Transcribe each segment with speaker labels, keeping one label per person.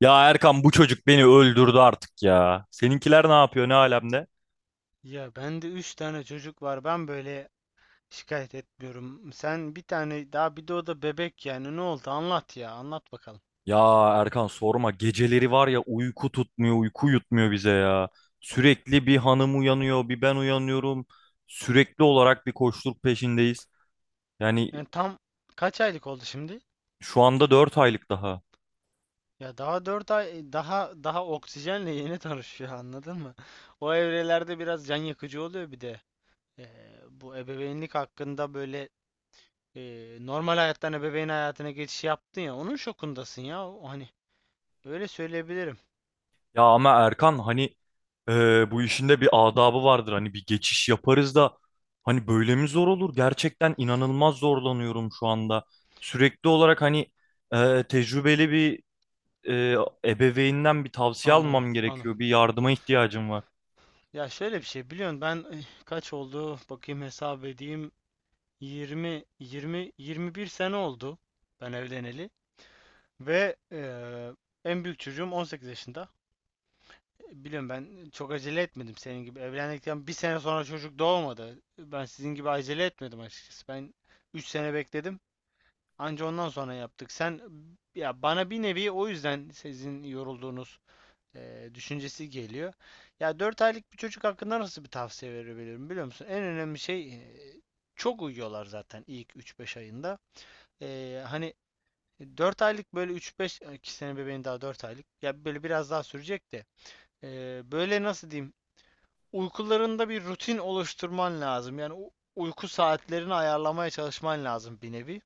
Speaker 1: Ya Erkan, bu çocuk beni öldürdü artık ya. Seninkiler ne yapıyor, ne alemde?
Speaker 2: Ya bende 3 tane çocuk var. Ben böyle şikayet etmiyorum. Sen bir tane daha bir de o da bebek yani. Ne oldu? Anlat ya. Anlat bakalım.
Speaker 1: Ya Erkan sorma, geceleri var ya, uyku tutmuyor, uyku yutmuyor bize ya. Sürekli bir hanım uyanıyor, bir ben uyanıyorum. Sürekli olarak bir koşturuk peşindeyiz. Yani
Speaker 2: Yani tam kaç aylık oldu şimdi?
Speaker 1: şu anda 4 aylık daha.
Speaker 2: Ya daha 4 ay daha oksijenle yeni tanışıyor anladın mı? O evrelerde biraz can yakıcı oluyor bir de. Ee, Bu ebeveynlik hakkında böyle e, normal hayattan ebeveyn hayatına geçiş yaptın ya, onun şokundasın ya. O, hani öyle söyleyebilirim.
Speaker 1: Ya ama Erkan, hani bu işin de bir adabı vardır. Hani bir geçiş yaparız da hani böyle mi zor olur? Gerçekten inanılmaz zorlanıyorum şu anda. Sürekli olarak hani tecrübeli bir e, ebeveynden bir tavsiye
Speaker 2: Anladım.
Speaker 1: almam
Speaker 2: Anladım.
Speaker 1: gerekiyor. Bir yardıma ihtiyacım var.
Speaker 2: Ya şöyle bir şey biliyorsun, ben kaç oldu bakayım, hesap edeyim. 20 20 21 sene oldu ben evleneli ve en büyük çocuğum 18 yaşında. Biliyorum, ben çok acele etmedim, senin gibi evlendikten bir sene sonra çocuk doğmadı. Ben sizin gibi acele etmedim açıkçası. Ben 3 sene bekledim, anca ondan sonra yaptık. Sen, ya bana bir nevi o yüzden sizin yorulduğunuz düşüncesi geliyor. Ya 4 aylık bir çocuk hakkında nasıl bir tavsiye verebilirim, biliyor musun? En önemli şey, çok uyuyorlar zaten ilk üç beş ayında. Hani 4 aylık böyle üç beş iki ki, bebeğin daha 4 aylık. Ya böyle biraz daha sürecek de, böyle nasıl diyeyim, uykularında bir rutin oluşturman lazım. Yani uyku saatlerini ayarlamaya çalışman lazım bir nevi.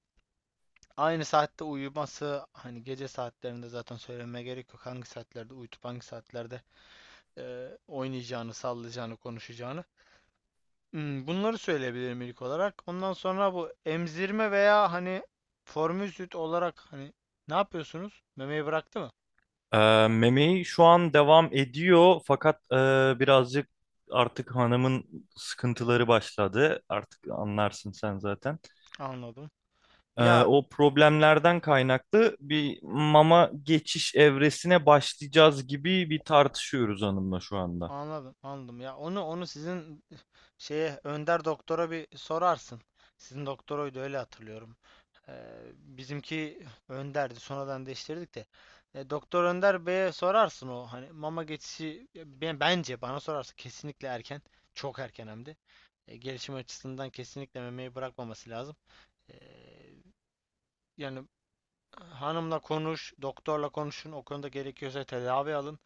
Speaker 2: Aynı saatte uyuması, hani gece saatlerinde zaten söylemeye gerek yok. Hangi saatlerde uyutup hangi saatlerde oynayacağını, sallayacağını, konuşacağını. Hmm, bunları söyleyebilirim ilk olarak. Ondan sonra bu emzirme veya hani formül süt olarak hani ne yapıyorsunuz? Memeyi bıraktı mı?
Speaker 1: E, Memeyi şu an devam ediyor, fakat birazcık artık hanımın sıkıntıları başladı. Artık anlarsın sen zaten.
Speaker 2: Anladım. Ya
Speaker 1: O problemlerden kaynaklı bir mama geçiş evresine başlayacağız gibi bir tartışıyoruz hanımla şu anda.
Speaker 2: anladım, anladım. Ya onu sizin şeye, Önder doktora bir sorarsın. Sizin doktoruydu öyle hatırlıyorum. Bizimki Önder'di. Sonradan değiştirdik de. Doktor Önder Bey'e sorarsın. O hani mama geçişi, ben, bence bana sorarsa kesinlikle erken. Çok erken hem de. Gelişim açısından kesinlikle memeyi bırakmaması lazım. E, Yani hanımla konuş, doktorla konuşun. O konuda gerekiyorsa tedavi alın.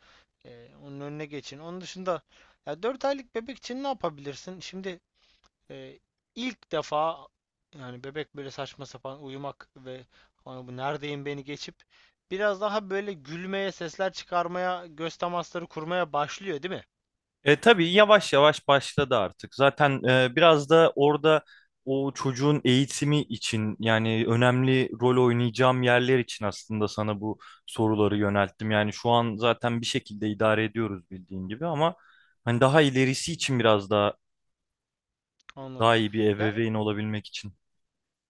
Speaker 2: Onun önüne geçin. Onun dışında, ya 4 aylık bebek için ne yapabilirsin? Şimdi ee, ilk defa, yani bebek böyle saçma sapan uyumak ve "Ana bu neredeyim" beni geçip biraz daha böyle gülmeye, sesler çıkarmaya, göz temasları kurmaya başlıyor, değil mi?
Speaker 1: Tabii yavaş yavaş başladı artık. Zaten biraz da orada o çocuğun eğitimi için, yani önemli rol oynayacağım yerler için, aslında sana bu soruları yönelttim. Yani şu an zaten bir şekilde idare ediyoruz, bildiğin gibi, ama hani daha ilerisi için biraz daha
Speaker 2: Anladım.
Speaker 1: iyi bir
Speaker 2: Ya
Speaker 1: ebeveyn olabilmek için.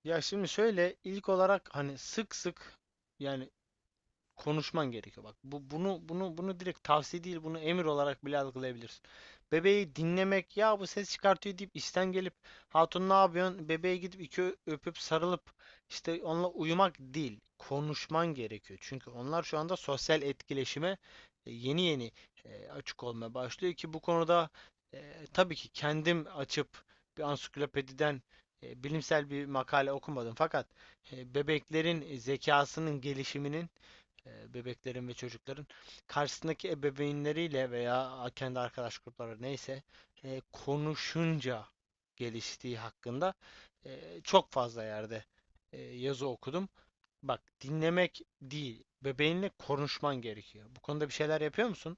Speaker 2: ya şimdi şöyle, ilk olarak hani sık sık yani konuşman gerekiyor. Bak, bu bunu bunu bunu direkt tavsiye değil, bunu emir olarak bile algılayabilirsin. Bebeği dinlemek, ya bu ses çıkartıyor deyip işten gelip, hatun ne yapıyorsun? Bebeğe gidip iki öpüp sarılıp işte onunla uyumak değil. Konuşman gerekiyor. Çünkü onlar şu anda sosyal etkileşime yeni yeni açık olmaya başlıyor. Ki bu konuda, e, tabii ki kendim açıp bir ansiklopediden bilimsel bir makale okumadım fakat bebeklerin zekasının gelişiminin, bebeklerin ve çocukların karşısındaki ebeveynleriyle veya kendi arkadaş grupları neyse konuşunca geliştiği hakkında, çok fazla yerde yazı okudum. Bak, dinlemek değil, bebeğinle konuşman gerekiyor. Bu konuda bir şeyler yapıyor musun?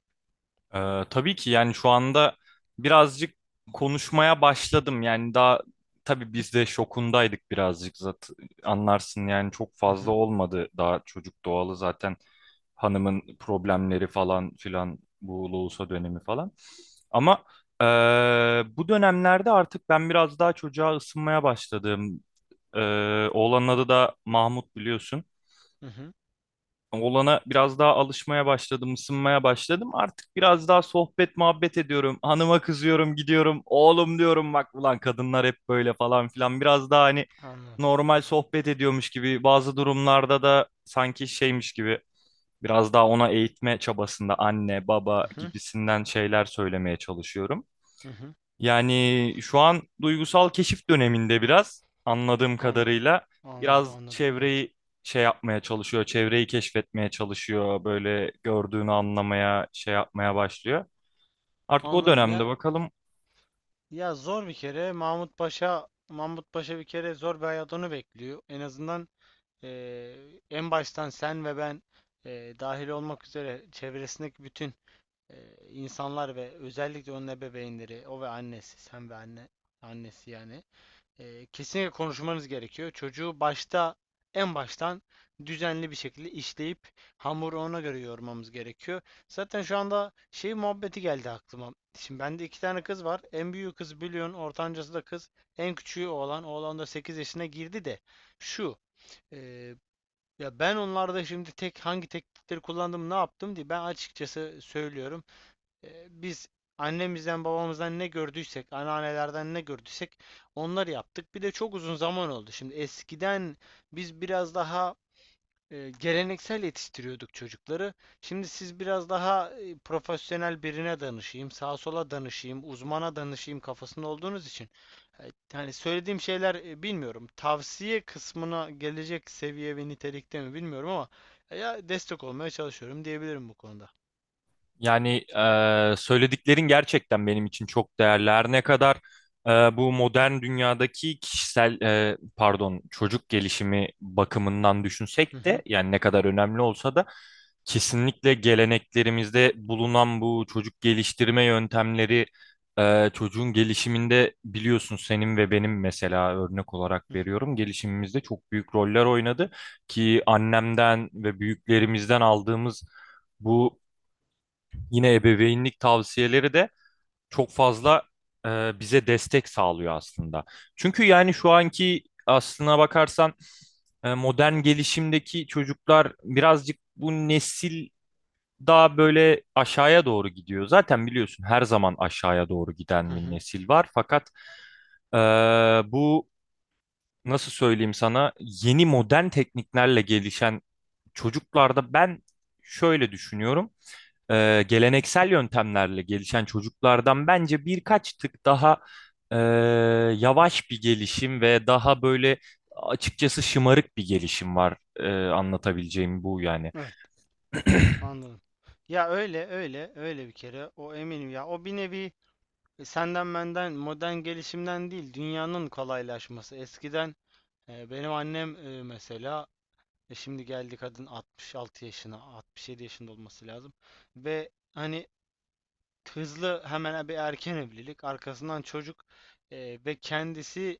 Speaker 1: Tabii ki, yani şu anda birazcık konuşmaya başladım. Yani daha, tabii biz de şokundaydık birazcık, zaten anlarsın yani. Çok
Speaker 2: Hı
Speaker 1: fazla
Speaker 2: hı,
Speaker 1: olmadı daha çocuk doğalı zaten, hanımın problemleri falan filan, bu loğusa dönemi falan. Ama eee, bu dönemlerde artık ben biraz daha çocuğa ısınmaya başladım. Oğlanın adı da Mahmut, biliyorsun,
Speaker 2: hı hı,
Speaker 1: olana biraz daha alışmaya başladım, ısınmaya başladım. Artık biraz daha sohbet muhabbet ediyorum. Hanıma kızıyorum, gidiyorum. Oğlum diyorum, bak ulan kadınlar hep böyle falan filan. Biraz daha hani
Speaker 2: anladım.
Speaker 1: normal sohbet ediyormuş gibi, bazı durumlarda da sanki şeymiş gibi biraz daha ona eğitme çabasında anne, baba
Speaker 2: Hı hı,
Speaker 1: gibisinden şeyler söylemeye çalışıyorum.
Speaker 2: hı hı,
Speaker 1: Yani şu an duygusal keşif döneminde biraz, anladığım
Speaker 2: anladım.
Speaker 1: kadarıyla.
Speaker 2: Anladım,
Speaker 1: Biraz
Speaker 2: anladım. Evet.
Speaker 1: çevreyi şey yapmaya çalışıyor, çevreyi keşfetmeye çalışıyor, böyle gördüğünü anlamaya, şey yapmaya başlıyor. Artık o
Speaker 2: Anladım
Speaker 1: dönemde
Speaker 2: ya.
Speaker 1: bakalım.
Speaker 2: Ya zor bir kere. Mahmut Paşa Mahmut Paşa, bir kere zor bir hayat onu bekliyor. En azından, e, en baştan sen ve ben dahil olmak üzere çevresindeki bütün insanlar ve özellikle onun ebeveynleri, o ve annesi, sen ve anne, annesi yani, kesinlikle konuşmanız gerekiyor. Çocuğu başta, en baştan düzenli bir şekilde işleyip hamuru ona göre yoğurmamız gerekiyor. Zaten şu anda şey muhabbeti geldi aklıma. Şimdi bende iki tane kız var. En büyüğü kız biliyorsun, ortancası da kız. En küçüğü oğlan. Oğlan da 8 yaşına girdi de, şu, e, ya ben onlarda şimdi tek hangi teknikleri kullandım, ne yaptım diye ben açıkçası söylüyorum. Biz annemizden babamızdan ne gördüysek, anneannelerden ne gördüysek onları yaptık. Bir de çok uzun zaman oldu. Şimdi eskiden biz biraz daha geleneksel yetiştiriyorduk çocukları. Şimdi siz biraz daha profesyonel birine danışayım, sağa sola danışayım, uzmana danışayım kafasında olduğunuz için. Yani söylediğim şeyler, bilmiyorum, tavsiye kısmına gelecek seviye ve nitelikte mi bilmiyorum, ama ya destek olmaya çalışıyorum diyebilirim bu konuda.
Speaker 1: Yani söylediklerin gerçekten benim için çok değerli. Her ne kadar e, bu modern dünyadaki kişisel, pardon, çocuk gelişimi bakımından
Speaker 2: Hı
Speaker 1: düşünsek de,
Speaker 2: hı.
Speaker 1: yani ne kadar önemli olsa da, kesinlikle geleneklerimizde bulunan bu çocuk geliştirme yöntemleri çocuğun gelişiminde, biliyorsun, senin ve benim, mesela örnek olarak
Speaker 2: Hı
Speaker 1: veriyorum, gelişimimizde çok büyük roller oynadı ki annemden ve büyüklerimizden aldığımız bu yine ebeveynlik tavsiyeleri de çok fazla bize destek sağlıyor aslında. Çünkü yani şu anki, aslına bakarsan, modern gelişimdeki çocuklar birazcık, bu nesil daha böyle aşağıya doğru gidiyor. Zaten biliyorsun, her zaman aşağıya doğru
Speaker 2: hı.
Speaker 1: giden bir
Speaker 2: Hı.
Speaker 1: nesil var. Fakat e, bu, nasıl söyleyeyim sana, yeni modern tekniklerle gelişen çocuklarda ben şöyle düşünüyorum: geleneksel yöntemlerle gelişen çocuklardan bence birkaç tık daha e, yavaş bir gelişim ve daha böyle, açıkçası, şımarık bir gelişim var. Anlatabileceğim bu yani.
Speaker 2: Evet, anladım. Ya öyle öyle öyle, bir kere o eminim ya, o bir nevi senden benden modern gelişimden değil, dünyanın kolaylaşması eskiden. Benim annem mesela, şimdi geldi kadın 66 yaşına, 67 yaşında olması lazım. Ve hani hızlı hemen bir erken evlilik, arkasından çocuk, ve kendisi,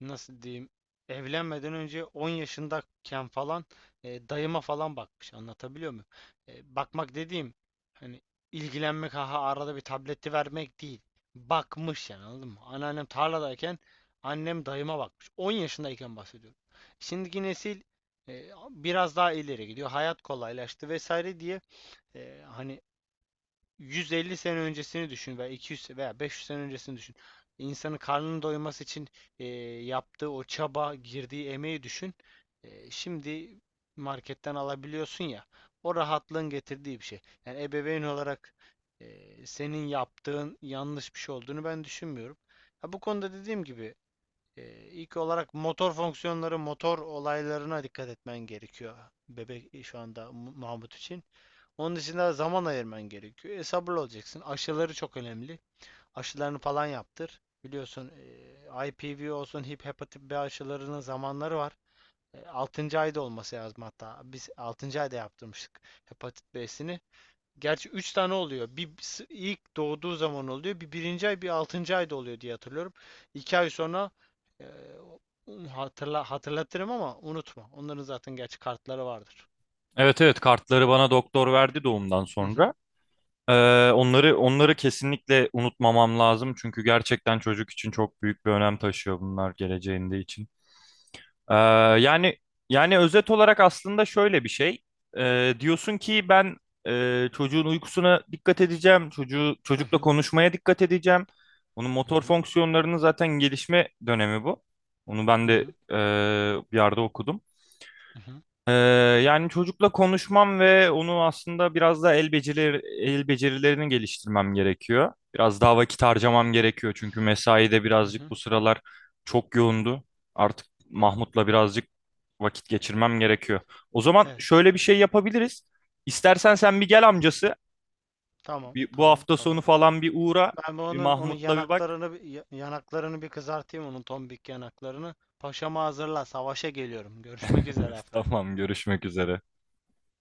Speaker 2: nasıl diyeyim, evlenmeden önce 10 yaşındayken falan dayıma falan bakmış, anlatabiliyor muyum? Bakmak dediğim, hani ilgilenmek, ha arada bir tableti vermek değil. Bakmış yani, anladın mı? Anneannem tarladayken annem dayıma bakmış. 10 yaşındayken bahsediyorum. Şimdiki nesil biraz daha ileri gidiyor. Hayat kolaylaştı vesaire diye, hani 150 sene öncesini düşün, veya 200 veya 500 sene öncesini düşün. İnsanın karnının doyması için e, yaptığı o çaba, girdiği emeği düşün. Şimdi marketten alabiliyorsun ya. O rahatlığın getirdiği bir şey. Yani ebeveyn olarak senin yaptığın yanlış bir şey olduğunu ben düşünmüyorum. Ha, bu konuda dediğim gibi, ilk olarak motor fonksiyonları, motor olaylarına dikkat etmen gerekiyor. Bebek şu anda Mahmut için. Onun için de zaman ayırman gerekiyor. Sabırlı olacaksın. Aşıları çok önemli. Aşılarını falan yaptır. Biliyorsun IPV olsun, hepatit B aşılarının zamanları var. 6. ayda olması lazım hatta. Biz 6. ayda yaptırmıştık hepatit B'sini. Gerçi 3 tane oluyor. Bir ilk doğduğu zaman oluyor, bir birinci ay, bir 6. ayda oluyor diye hatırlıyorum. 2 ay sonra, e, hatırlatırım, ama unutma. Onların zaten gerçi kartları vardır.
Speaker 1: Evet, evet, kartları bana doktor verdi doğumdan sonra. Onları, onları kesinlikle unutmamam lazım çünkü gerçekten çocuk için çok büyük bir önem taşıyor bunlar geleceğinde için. Ee, Yani, yani özet olarak aslında şöyle bir şey. Diyorsun ki ben çocuğun uykusuna dikkat edeceğim, çocuğu,
Speaker 2: Hı
Speaker 1: çocukla
Speaker 2: hı.
Speaker 1: konuşmaya dikkat edeceğim. Onun
Speaker 2: Hı
Speaker 1: motor
Speaker 2: hı.
Speaker 1: fonksiyonlarının zaten gelişme dönemi bu. Onu ben
Speaker 2: Hı
Speaker 1: de
Speaker 2: hı.
Speaker 1: bir yerde okudum.
Speaker 2: Hı hı.
Speaker 1: Ee, Yani çocukla konuşmam ve onu, aslında biraz da el becerileri, el becerilerini geliştirmem gerekiyor. Biraz daha vakit harcamam gerekiyor çünkü mesai de
Speaker 2: Hı
Speaker 1: birazcık
Speaker 2: hı.
Speaker 1: bu sıralar çok yoğundu. Artık
Speaker 2: E-
Speaker 1: Mahmut'la birazcık vakit geçirmem gerekiyor. O zaman
Speaker 2: Evet.
Speaker 1: şöyle bir şey yapabiliriz. İstersen sen bir gel amcası.
Speaker 2: Tamam.
Speaker 1: Bir, bu
Speaker 2: Tamam.
Speaker 1: hafta sonu
Speaker 2: Tamam.
Speaker 1: falan bir uğra.
Speaker 2: Ben bu
Speaker 1: Bir
Speaker 2: onun
Speaker 1: Mahmut'la bir bak.
Speaker 2: yanaklarını bir kızartayım, onun tombik yanaklarını. Paşama hazırla. Savaşa geliyorum. Görüşmek üzere haftaya.
Speaker 1: Tamam, görüşmek üzere.